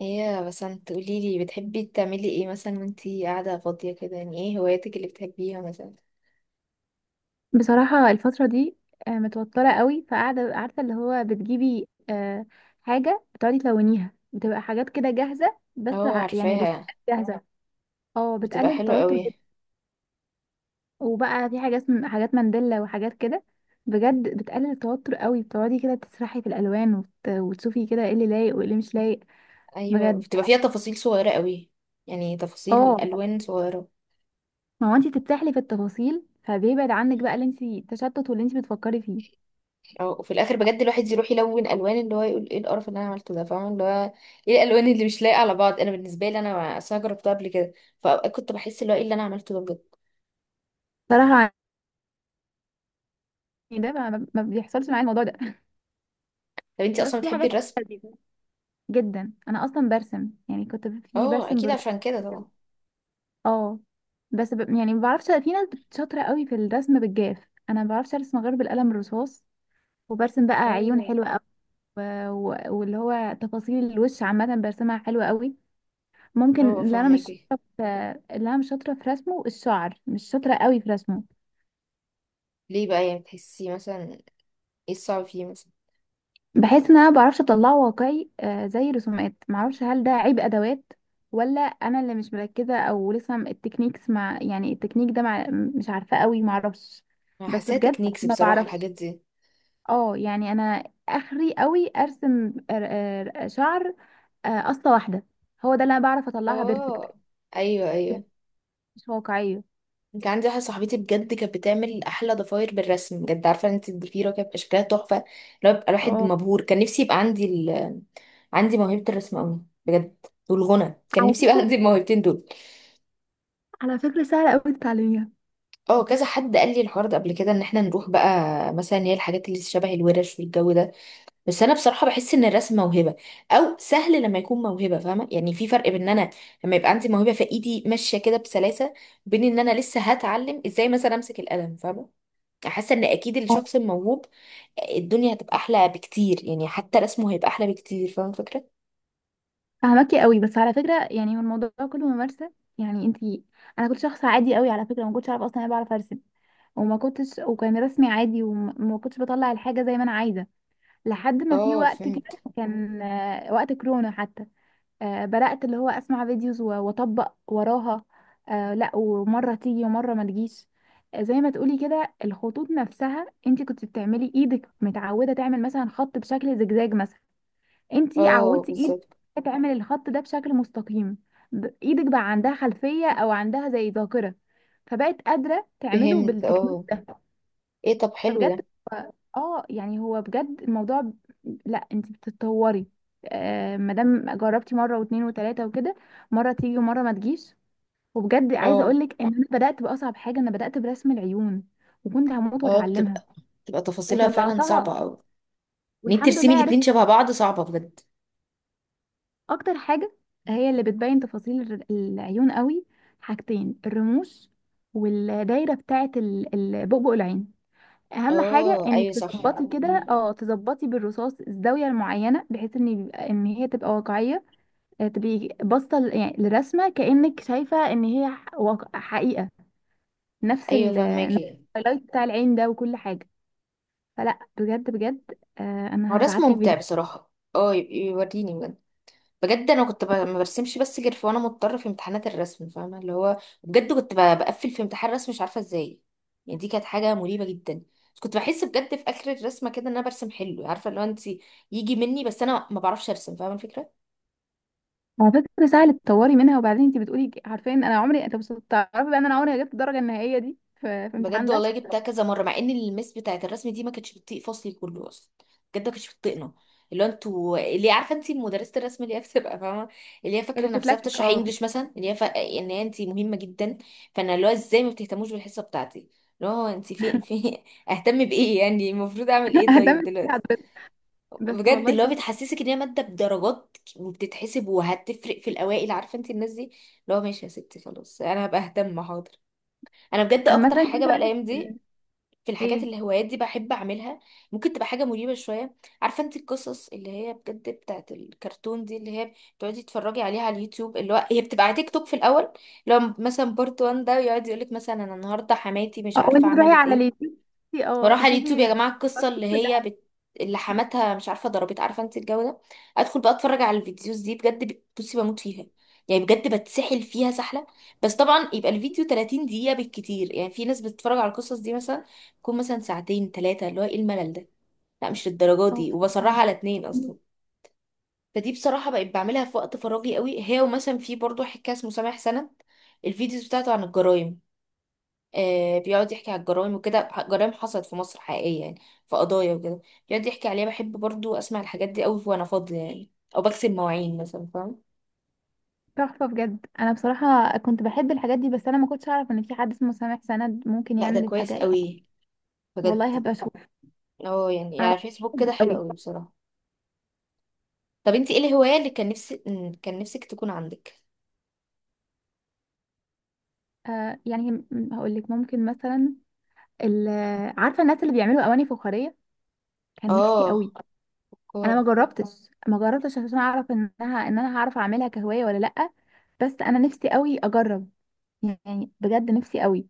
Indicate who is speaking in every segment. Speaker 1: ايه يا بسنت، قوليلي بتحبي تعملي ايه مثلا وانتي قاعدة فاضية كده؟ يعني ايه هواياتك اللي بتحبيها مثلا؟
Speaker 2: بصراحة الفترة دي، متوترة قوي، فقاعدة عارفة اللي هو بتجيبي، حاجة بتقعدي تلونيها، بتبقى حاجات كده جاهزة، بس
Speaker 1: اه،
Speaker 2: يعني
Speaker 1: عارفاها.
Speaker 2: رسومات جاهزة. اه،
Speaker 1: بتبقى
Speaker 2: بتقلل
Speaker 1: حلوة
Speaker 2: التوتر جدا.
Speaker 1: قوي.
Speaker 2: وبقى في حاجة اسم حاجات مانديلا وحاجات كده. بجد بتقلل التوتر قوي، بتقعدي كده تسرحي في الألوان وتشوفي كده ايه اللي لايق وايه اللي مش لايق.
Speaker 1: ايوه،
Speaker 2: بجد.
Speaker 1: بتبقى فيها تفاصيل صغيرة قوي. يعني تفاصيل
Speaker 2: اه،
Speaker 1: الوان صغيرة.
Speaker 2: ما هو انتي تتسحلي في التفاصيل فبيبعد عنك بقى اللي انتي تشتت واللي انتي بتفكري فيه.
Speaker 1: اه. وفي الاخر بجد الواحد يروح يلون الوان اللي هو يقول ايه القرف اللي انا عملته ده، فاهمة اللي هو ايه الالوان اللي مش لايقة على بعض. انا بالنسبة لي انا اصلا جربتها قبل كده، فاوقات كنت بحس اللي هو ايه اللي انا عملته ده بجد.
Speaker 2: صراحة، يعني ده ما بيحصلش معايا الموضوع ده.
Speaker 1: طب انتي
Speaker 2: بس
Speaker 1: اصلا
Speaker 2: في
Speaker 1: بتحبي
Speaker 2: حاجات
Speaker 1: الرسم؟
Speaker 2: لذيذة جدا. انا اصلا برسم، يعني كنت في
Speaker 1: اه،
Speaker 2: برسم
Speaker 1: اكيد
Speaker 2: برتقالي
Speaker 1: عشان كده
Speaker 2: كده.
Speaker 1: طبعا.
Speaker 2: اه. بس يعني ما بعرفش، في ناس شاطره قوي في الرسم بالجاف. انا ما بعرفش ارسم غير بالقلم الرصاص. وبرسم بقى عيون
Speaker 1: اه
Speaker 2: حلوه قوي و... و... واللي هو تفاصيل الوش عامه برسمها حلوه قوي. ممكن
Speaker 1: اه،
Speaker 2: اللي انا مش
Speaker 1: فاهماكي.
Speaker 2: شاطره في... اللي انا مش شاطره في رسمه الشعر، مش شاطره قوي في رسمه.
Speaker 1: ليه بقى؟ يعني بتحسي مثلا ايه الصعب فيه مثلا؟
Speaker 2: بحيث ان انا ما بعرفش اطلعه واقعي، زي الرسومات. معرفش، هل ده عيب ادوات، ولا انا اللي مش مركزه، او لسه التكنيكس مع، يعني التكنيك ده مع، مش عارفه قوي، معرفش.
Speaker 1: انا
Speaker 2: بس
Speaker 1: حاساها
Speaker 2: بجد
Speaker 1: تكنيكس
Speaker 2: ما
Speaker 1: بصراحة
Speaker 2: بعرفش.
Speaker 1: الحاجات دي.
Speaker 2: اه يعني انا اخري قوي ارسم، شعر، قصه واحده. هو ده اللي انا بعرف اطلعها بيرفكت،
Speaker 1: اه، ايوه ايوه.
Speaker 2: مش واقعيه.
Speaker 1: كان عندي واحدة صاحبتي بجد كانت بتعمل احلى ضفاير بالرسم، بجد عارفة انت الضفيرة كانت بيبقى شكلها تحفة. لو بيبقى الواحد
Speaker 2: اه،
Speaker 1: مبهور، كان نفسي يبقى عندي عندي موهبة الرسم قوي بجد. والغنى، كان
Speaker 2: على
Speaker 1: نفسي يبقى
Speaker 2: فكرة،
Speaker 1: عندي الموهبتين دول.
Speaker 2: على فكرة سهلة أوي تتعلميها.
Speaker 1: اه، كذا حد قال لي الحوار ده قبل كده ان احنا نروح بقى مثلا هي الحاجات اللي شبه الورش والجو ده. بس انا بصراحه بحس ان الرسم موهبه، او سهل لما يكون موهبه، فاهمه؟ يعني في فرق بين ان انا لما يبقى عندي موهبه في ايدي ماشيه كده بسلاسه، وبين ان انا لسه هتعلم ازاي مثلا امسك القلم، فاهمه؟ حاسه ان اكيد الشخص الموهوب الدنيا هتبقى احلى بكتير، يعني حتى رسمه هيبقى احلى بكتير، فاهمه الفكره؟
Speaker 2: فهمكي قوي، بس على فكره يعني هو الموضوع كله ممارسه. يعني انت انا كنت شخص عادي قوي على فكره، ما كنتش اعرف اصلا انا بعرف ارسم، وما كنتش وكان رسمي عادي، وما كنتش بطلع الحاجه زي ما انا عايزه، لحد ما في
Speaker 1: اه،
Speaker 2: وقت كده
Speaker 1: فهمت.
Speaker 2: كان، وقت كورونا حتى، بدات اللي هو اسمع فيديوز واطبق وراها، لا ومره تيجي ومره ما تجيش. زي ما تقولي كده، الخطوط نفسها انت كنت بتعملي ايدك متعوده تعمل مثلا خط بشكل زجزاج مثلا، انتي
Speaker 1: اه،
Speaker 2: عودتي ايدك
Speaker 1: بالظبط.
Speaker 2: تعمل الخط ده بشكل مستقيم. ايدك بقى عندها خلفية او عندها زي ذاكرة، فبقت قادرة تعمله
Speaker 1: فهمت.
Speaker 2: بالتكنيك
Speaker 1: اه،
Speaker 2: ده.
Speaker 1: ايه؟ طب حلو
Speaker 2: فبجد،
Speaker 1: ده.
Speaker 2: اه يعني هو بجد الموضوع لا انتي بتتطوري. آه، مادام جربتي مرة واتنين وتلاتة وكده، مرة تيجي ومرة ما تجيش. وبجد عايزة
Speaker 1: اه
Speaker 2: اقولك ان انا بدأت بأصعب حاجة، انا بدأت برسم العيون وكنت هموت
Speaker 1: اه،
Speaker 2: واتعلمها،
Speaker 1: بتبقى تفاصيلها فعلا صعبه
Speaker 2: وطلعتها
Speaker 1: قوي. ان انت
Speaker 2: والحمد
Speaker 1: ترسمي
Speaker 2: لله.
Speaker 1: الاتنين شبه بعض صعبه بجد.
Speaker 2: اكتر حاجه هي اللي بتبين تفاصيل العيون قوي، حاجتين: الرموش والدايره بتاعه بؤبؤ العين. اهم حاجه
Speaker 1: اه،
Speaker 2: انك
Speaker 1: ايوه صح.
Speaker 2: تظبطي كده، اه تظبطي بالرصاص الزاويه المعينه بحيث ان ان هي تبقى واقعيه، تبقي باصه يعني للرسمه كانك شايفه ان هي حقيقه. نفس
Speaker 1: ايوه، فهماكي.
Speaker 2: الهايلايت بتاع العين ده وكل حاجه. فلا، بجد،
Speaker 1: هو
Speaker 2: انا
Speaker 1: رسم
Speaker 2: هبعتلك
Speaker 1: ممتع
Speaker 2: فيديو.
Speaker 1: بصراحة. اه، يوريني بجد. بجد انا كنت ما برسمش بس غير وانا مضطرة في امتحانات الرسم، فاهمة اللي هو. بجد كنت بقفل في امتحان الرسم، مش عارفة ازاي. يعني دي كانت حاجة مريبة جدا. بس كنت بحس بجد في اخر الرسمة كده ان انا برسم حلو، عارفة اللي هو انت يجي مني، بس انا ما بعرفش ارسم، فاهمة الفكرة.
Speaker 2: على فكرة سهل تطوري منها. وبعدين انت بتقولي عارفة ان انا عمري، انت بس تعرفي بقى ان انا عمري ما جبت الدرجة النهائية دي في, في
Speaker 1: بجد
Speaker 2: امتحان
Speaker 1: والله
Speaker 2: رسم.
Speaker 1: جبتها كذا مره، مع ان المس بتاعت الرسم دي ما كانتش بتطيق فصلي كله اصلا. بجد ما كانتش بتطيقنا. اللي هو انتوا اللي هي عارفه انت مدرسه الرسم اللي هي بتبقى فاهمه، اللي هي فاكره
Speaker 2: اللي
Speaker 1: نفسها
Speaker 2: بتتلكك
Speaker 1: بتشرح
Speaker 2: اه.
Speaker 1: انجليش مثلا، اللي هي ان هي انت مهمه جدا. فانا اللي هو ازاي ما بتهتموش بالحصه بتاعتي؟ اللي هو انت في اهتم بايه؟ يعني المفروض اعمل ايه طيب
Speaker 2: اهتمت بيها
Speaker 1: دلوقتي؟
Speaker 2: حضرتك، بس
Speaker 1: بجد
Speaker 2: والله
Speaker 1: اللي هو
Speaker 2: شاطر.
Speaker 1: بتحسسك ان هي ماده بدرجات وبتتحسب وهتفرق في الاوائل، عارفه انت الناس دي. اللي هو ماشي يا ستي، خلاص انا هبقى اهتم، حاضر. انا بجد
Speaker 2: عامة
Speaker 1: اكتر
Speaker 2: كنت
Speaker 1: حاجه بقى
Speaker 2: بقى-
Speaker 1: الايام دي في الحاجات
Speaker 2: ايه.
Speaker 1: اللي هوايات دي بحب اعملها. ممكن تبقى حاجه مريبه شويه. عارفه انت القصص اللي هي بجد بتاعت الكرتون دي، اللي هي بتقعدي تتفرجي عليها على اليوتيوب، اللي هو هي بتبقى على تيك توك في الاول. لو مثلا بارت 1 ده يقعد يقولك مثلا انا النهارده حماتي مش
Speaker 2: اه،
Speaker 1: عارفه
Speaker 2: وانت تروحي
Speaker 1: عملت
Speaker 2: على
Speaker 1: ايه،
Speaker 2: اليوتيوب اه
Speaker 1: واروح على
Speaker 2: تشوفي
Speaker 1: اليوتيوب يا جماعه القصه اللي هي
Speaker 2: كلها.
Speaker 1: اللي حماتها مش عارفه ضربت، عارفه انت الجو ده. ادخل بقى اتفرج على الفيديوز دي بجد، بصي بموت فيها، يعني بجد بتسحل فيها سحله. بس طبعا يبقى الفيديو 30 دقيقه بالكتير. يعني في ناس بتتفرج على القصص دي مثلا تكون مثلا ساعتين ثلاثه، اللي هو ايه الملل ده؟ لا مش للدرجه
Speaker 2: اه
Speaker 1: دي،
Speaker 2: بصراحة.
Speaker 1: وبصراحه على اتنين اصلا. فدي بصراحه بقيت بعملها في وقت فراغي قوي، هي ومثلا في برضو حكايه اسمه سامح سند. الفيديوز بتاعته عن الجرايم، بيقعد يحكي على الجرائم وكده، جرائم حصلت في مصر حقيقية يعني، في قضايا وكده. بيقعد يحكي عليها، بحب برضو أسمع الحاجات دي أوي وأنا فاضية يعني، أو بغسل مواعين مثلا، فاهم.
Speaker 2: تحفة بجد. انا بصراحة كنت بحب الحاجات دي، بس انا ما كنتش اعرف ان في حد اسمه سامح سند ممكن
Speaker 1: لا ده
Speaker 2: يعمل
Speaker 1: كويس
Speaker 2: الحاجة يعني.
Speaker 1: أوي
Speaker 2: والله
Speaker 1: بجد.
Speaker 2: هبقى اشوف.
Speaker 1: اه، يعني
Speaker 2: انا
Speaker 1: يعني فيسبوك كده
Speaker 2: بحب
Speaker 1: حلو
Speaker 2: قوي.
Speaker 1: أوي بصراحة. طب انتي ايه الهواية اللي كان نفسي كان نفسك تكون عندك؟
Speaker 2: آه يعني هقول لك ممكن مثلا ال- عارفه الناس اللي بيعملوا اواني فخاريه، كان نفسي
Speaker 1: اه،
Speaker 2: قوي، انا ما
Speaker 1: فكار.
Speaker 2: جربتش ما جربتش عشان اعرف انها، ان انا هعرف اعملها كهوايه ولا لا، بس انا نفسي قوي اجرب، يعني بجد نفسي قوي.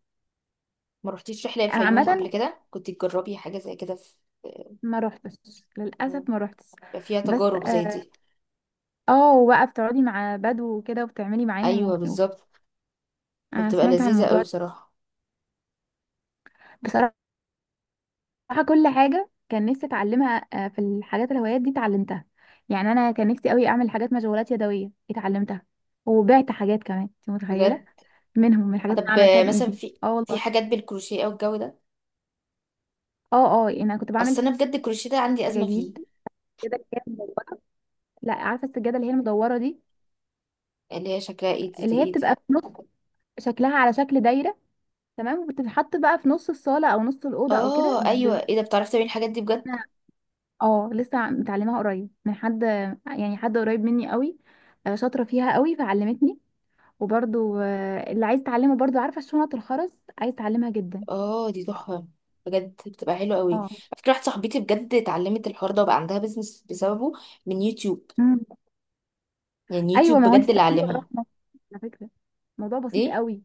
Speaker 1: ما رحتيش رحلة
Speaker 2: انا
Speaker 1: الفيوم قبل
Speaker 2: عامه
Speaker 1: كده؟ كنت تجربي حاجة زي كده. في
Speaker 2: ما روحتش للاسف، ما
Speaker 1: بيبقى
Speaker 2: روحتش.
Speaker 1: فيها
Speaker 2: بس
Speaker 1: تجارب زي
Speaker 2: اه،
Speaker 1: دي.
Speaker 2: وبقى بتقعدي مع بدو وكده وبتعملي معاهم
Speaker 1: ايوه بالظبط.
Speaker 2: انا
Speaker 1: فبتبقى
Speaker 2: سمعت عن
Speaker 1: لذيذة أوي
Speaker 2: الموضوع ده.
Speaker 1: بصراحة.
Speaker 2: بصراحه، صراحة كل حاجة كان نفسي اتعلمها، في الحاجات الهوايات دي اتعلمتها. يعني انا كان نفسي قوي اعمل حاجات مشغولات يدوية، اتعلمتها وبعت حاجات كمان، انت متخيلة،
Speaker 1: بجد.
Speaker 2: منهم من الحاجات اللي أنا
Speaker 1: طب
Speaker 2: عملتها
Speaker 1: مثلا
Speaker 2: بايدي.
Speaker 1: في
Speaker 2: اه
Speaker 1: في
Speaker 2: والله.
Speaker 1: حاجات بالكروشيه او الجو ده؟
Speaker 2: اه اه يعني انا كنت
Speaker 1: اصل
Speaker 2: بعمل
Speaker 1: انا بجد الكروشيه ده عندي ازمه فيه.
Speaker 2: سجاجيد كده اللي هي مدورة. لا عارفة السجادة اللي هي المدورة دي،
Speaker 1: اللي هي شكلها ايه دي؟ دي
Speaker 2: اللي هي
Speaker 1: ايه
Speaker 2: بتبقى
Speaker 1: دي
Speaker 2: في نص، شكلها على شكل دايرة، تمام، وبتتحط بقى في نص الصالة او نص الأوضة او كده
Speaker 1: اه ايوه. ايه ده؟ بتعرفي تعملي الحاجات دي بجد؟
Speaker 2: أنا- اه لسه متعلمها قريب من حد، يعني حد قريب مني قوي، شاطرة فيها قوي فعلمتني. وبرضو اللي عايز تعلمه برضو، عارفه شنط الخرز، عايز تعلمها جدا.
Speaker 1: اه دي تحفه، بجد بتبقى حلوه قوي. على
Speaker 2: اه.
Speaker 1: فكره واحده صاحبتي بجد اتعلمت الحوار ده وبقى عندها بيزنس بسببه، من يوتيوب.
Speaker 2: مم.
Speaker 1: يعني
Speaker 2: ايوه،
Speaker 1: يوتيوب
Speaker 2: ما هو انت
Speaker 1: بجد اللي
Speaker 2: تعملي وراها
Speaker 1: علمها.
Speaker 2: مصر. على فكره الموضوع بسيط
Speaker 1: ليه؟
Speaker 2: قوي،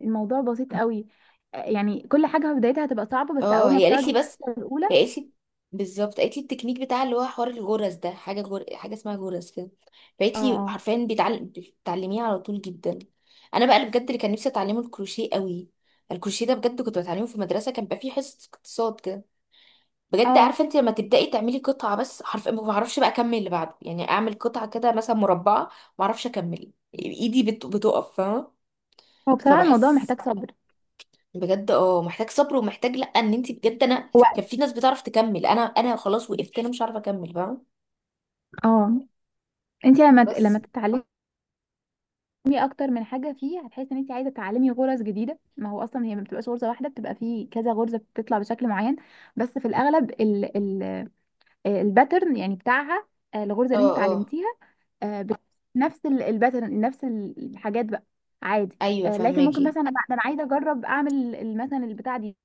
Speaker 2: الموضوع بسيط قوي يعني كل حاجه في بدايتها هتبقى صعبه، بس
Speaker 1: اه
Speaker 2: اول ما
Speaker 1: هي قالت
Speaker 2: بتاخدي
Speaker 1: لي بس،
Speaker 2: الخطوة
Speaker 1: هي
Speaker 2: الاولى.
Speaker 1: قالت لي بالظبط قالت لي التكنيك بتاع اللي هو حوار الجرس ده، حاجه حاجه اسمها جرس كده.
Speaker 2: اه
Speaker 1: فقالت لي
Speaker 2: اه.
Speaker 1: حرفيا بيتعلم، بتعلميه على طول جدا. انا بقى اللي بجد اللي كان نفسي اتعلمه الكروشيه قوي. الكروشيه ده بجد كنت بتعلمه في المدرسه، كان بقى فيه حصه اقتصاد كده. بجد
Speaker 2: اه
Speaker 1: عارفه انت لما تبداي تعملي قطعه بس، حرف ما بعرفش بقى اكمل اللي بعده، يعني اعمل قطعه كده مثلا مربعه، ما اعرفش اكمل. ايدي بتقف، فاهمه؟
Speaker 2: هو بصراحه الموضوع
Speaker 1: فبحس
Speaker 2: محتاج صبر.
Speaker 1: بجد اه محتاج صبر، ومحتاج لا ان انت بجد انا
Speaker 2: وقت.
Speaker 1: كان في ناس بتعرف تكمل، انا خلاص وقفت، انا مش عارفه اكمل، فاهمه؟
Speaker 2: اه. انت
Speaker 1: بس
Speaker 2: لما تتعلمي اكتر من حاجه فيه، هتحسي ان انت عايزه تتعلمي غرز جديده. ما هو اصلا هي ما بتبقاش غرزه واحده، بتبقى فيه كذا غرزه بتطلع بشكل معين. بس في الاغلب الباترن يعني بتاعها، الغرزه
Speaker 1: اه
Speaker 2: اللي انت
Speaker 1: اه،
Speaker 2: اتعلمتيها، آه، بت- نفس الباترن نفس الحاجات بقى عادي.
Speaker 1: ايوه
Speaker 2: لكن ممكن
Speaker 1: فهماكي.
Speaker 2: مثلا ده انا عايزه اجرب اعمل مثلا البتاع دي،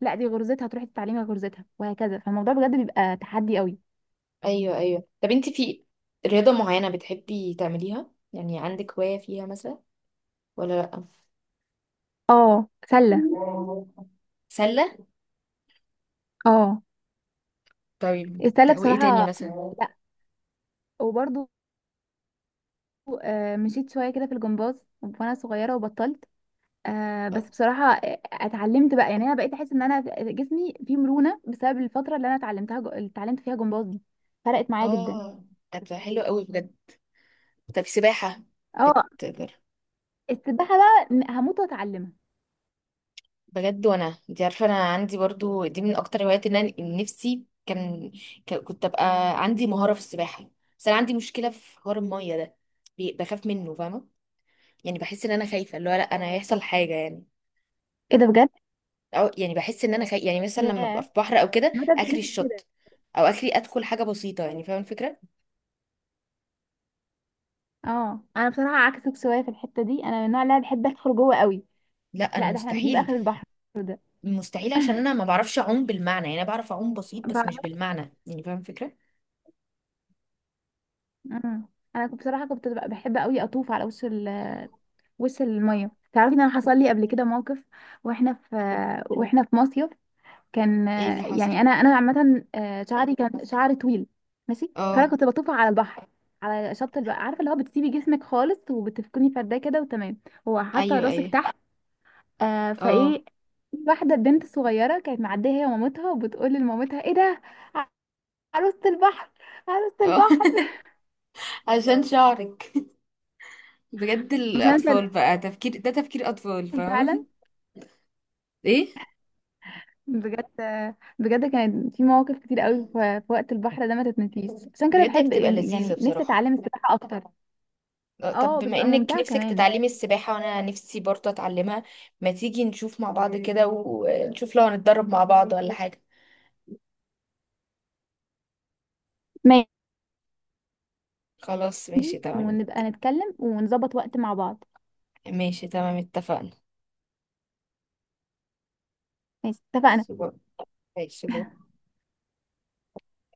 Speaker 2: لا دي غرزتها، تروحي تتعلمي غرزتها وهكذا. فالموضوع بجد بيبقى تحدي قوي.
Speaker 1: ايوه ايوه، طب انت في رياضه معينه بتحبي تعمليها؟ يعني عندك هوايه فيها مثلا ولا لا؟
Speaker 2: اه سله.
Speaker 1: سله.
Speaker 2: اه.
Speaker 1: طيب
Speaker 2: السله
Speaker 1: وايه تاني
Speaker 2: بصراحه.
Speaker 1: مثلا؟
Speaker 2: لا. وبرضو مشيت شويه كده في الجمباز وانا صغيره وبطلت. آه بس بصراحة اتعلمت بقى، يعني انا بقيت احس ان جسمي فيه مرونة بسبب الفترة اللي انا اتعلمتها اللي اتعلمت فيها جمباز دي، فرقت معايا جدا.
Speaker 1: اه. طب ده حلو قوي بجد. طب سباحة
Speaker 2: اه.
Speaker 1: بتجرب؟
Speaker 2: السباحة بقى هموت واتعلمها.
Speaker 1: بجد وانا انت عارفه انا عندي برضو دي من اكتر هواياتي، ان انا إن نفسي كان كنت ابقى عندي مهاره في السباحه. بس انا عندي مشكله في حوار الميه ده، بخاف منه، فاهمه؟ يعني بحس ان انا خايفه اللي هو لا انا هيحصل حاجه يعني،
Speaker 2: ايه ده بجد.
Speaker 1: او يعني بحس ان انا خايفه يعني مثلا لما ابقى
Speaker 2: ياه،
Speaker 1: في بحر او كده
Speaker 2: ما ده
Speaker 1: اخري
Speaker 2: بجد كده.
Speaker 1: الشط، او اخري ادخل حاجه بسيطه يعني، فاهمه الفكره؟
Speaker 2: اه انا بصراحة عكسك شوية في الحتة دي، انا من النوع اللي أنا بحب ادخل جوه قوي.
Speaker 1: لا انا
Speaker 2: لا ده احنا نجيب
Speaker 1: مستحيل.
Speaker 2: اخر البحر ده.
Speaker 1: مستحيل، عشان انا ما بعرفش اعوم بالمعنى. يعني انا بعرف اعوم بسيط، بس مش
Speaker 2: بعرف.
Speaker 1: بالمعنى يعني، فاهمه الفكره؟
Speaker 2: مم. بصراحة كنت ببقى بحب قوي اطوف على وش وش المية. تعرفي ان انا حصل لي قبل كده موقف، واحنا في واحنا في مصيف، كان،
Speaker 1: ايه اللي حصل؟
Speaker 2: يعني انا عامه، شعري، كان شعري طويل، ماشي، فانا
Speaker 1: اه
Speaker 2: كنت بطوف على البحر، على شط البحر، عارفه اللي هو بتسيبي جسمك خالص وبتفكني فرداه كده وتمام، هو حاطه
Speaker 1: ايوه
Speaker 2: راسك
Speaker 1: ايوه.
Speaker 2: تحت، آه
Speaker 1: اه
Speaker 2: فايه واحده بنت صغيره كانت معديه هي ومامتها، وبتقول لمامتها: ايه ده؟ عروسه البحر، عروسه
Speaker 1: اه.
Speaker 2: البحر.
Speaker 1: عشان شعرك. بجد
Speaker 2: بس
Speaker 1: الأطفال
Speaker 2: انا
Speaker 1: بقى، تفكير ده تفكير أطفال،
Speaker 2: كان فعلا
Speaker 1: فاهم؟ ايه.
Speaker 2: بجد، بجد كانت في مواقف كتير قوي في وقت البحر ده ما تتنسيش، عشان كده
Speaker 1: بجد هي
Speaker 2: بحب
Speaker 1: بتبقى لذيذة
Speaker 2: يعني نفسي
Speaker 1: بصراحة.
Speaker 2: اتعلم السباحه اكتر.
Speaker 1: طب
Speaker 2: اه
Speaker 1: بما
Speaker 2: بتبقى
Speaker 1: انك
Speaker 2: ممتعه
Speaker 1: نفسك
Speaker 2: كمان.
Speaker 1: تتعلمي السباحة وانا نفسي برضه اتعلمها، ما تيجي نشوف مع بعض كده ونشوف لو هنتدرب مع بعض ولا حاجة؟ خلاص ماشي
Speaker 2: دي
Speaker 1: تمام.
Speaker 2: ونبقى نتكلم ونظبط وقت مع بعض.
Speaker 1: ماشي تمام، اتفقنا.
Speaker 2: ماشي اتفقنا.
Speaker 1: ماشي.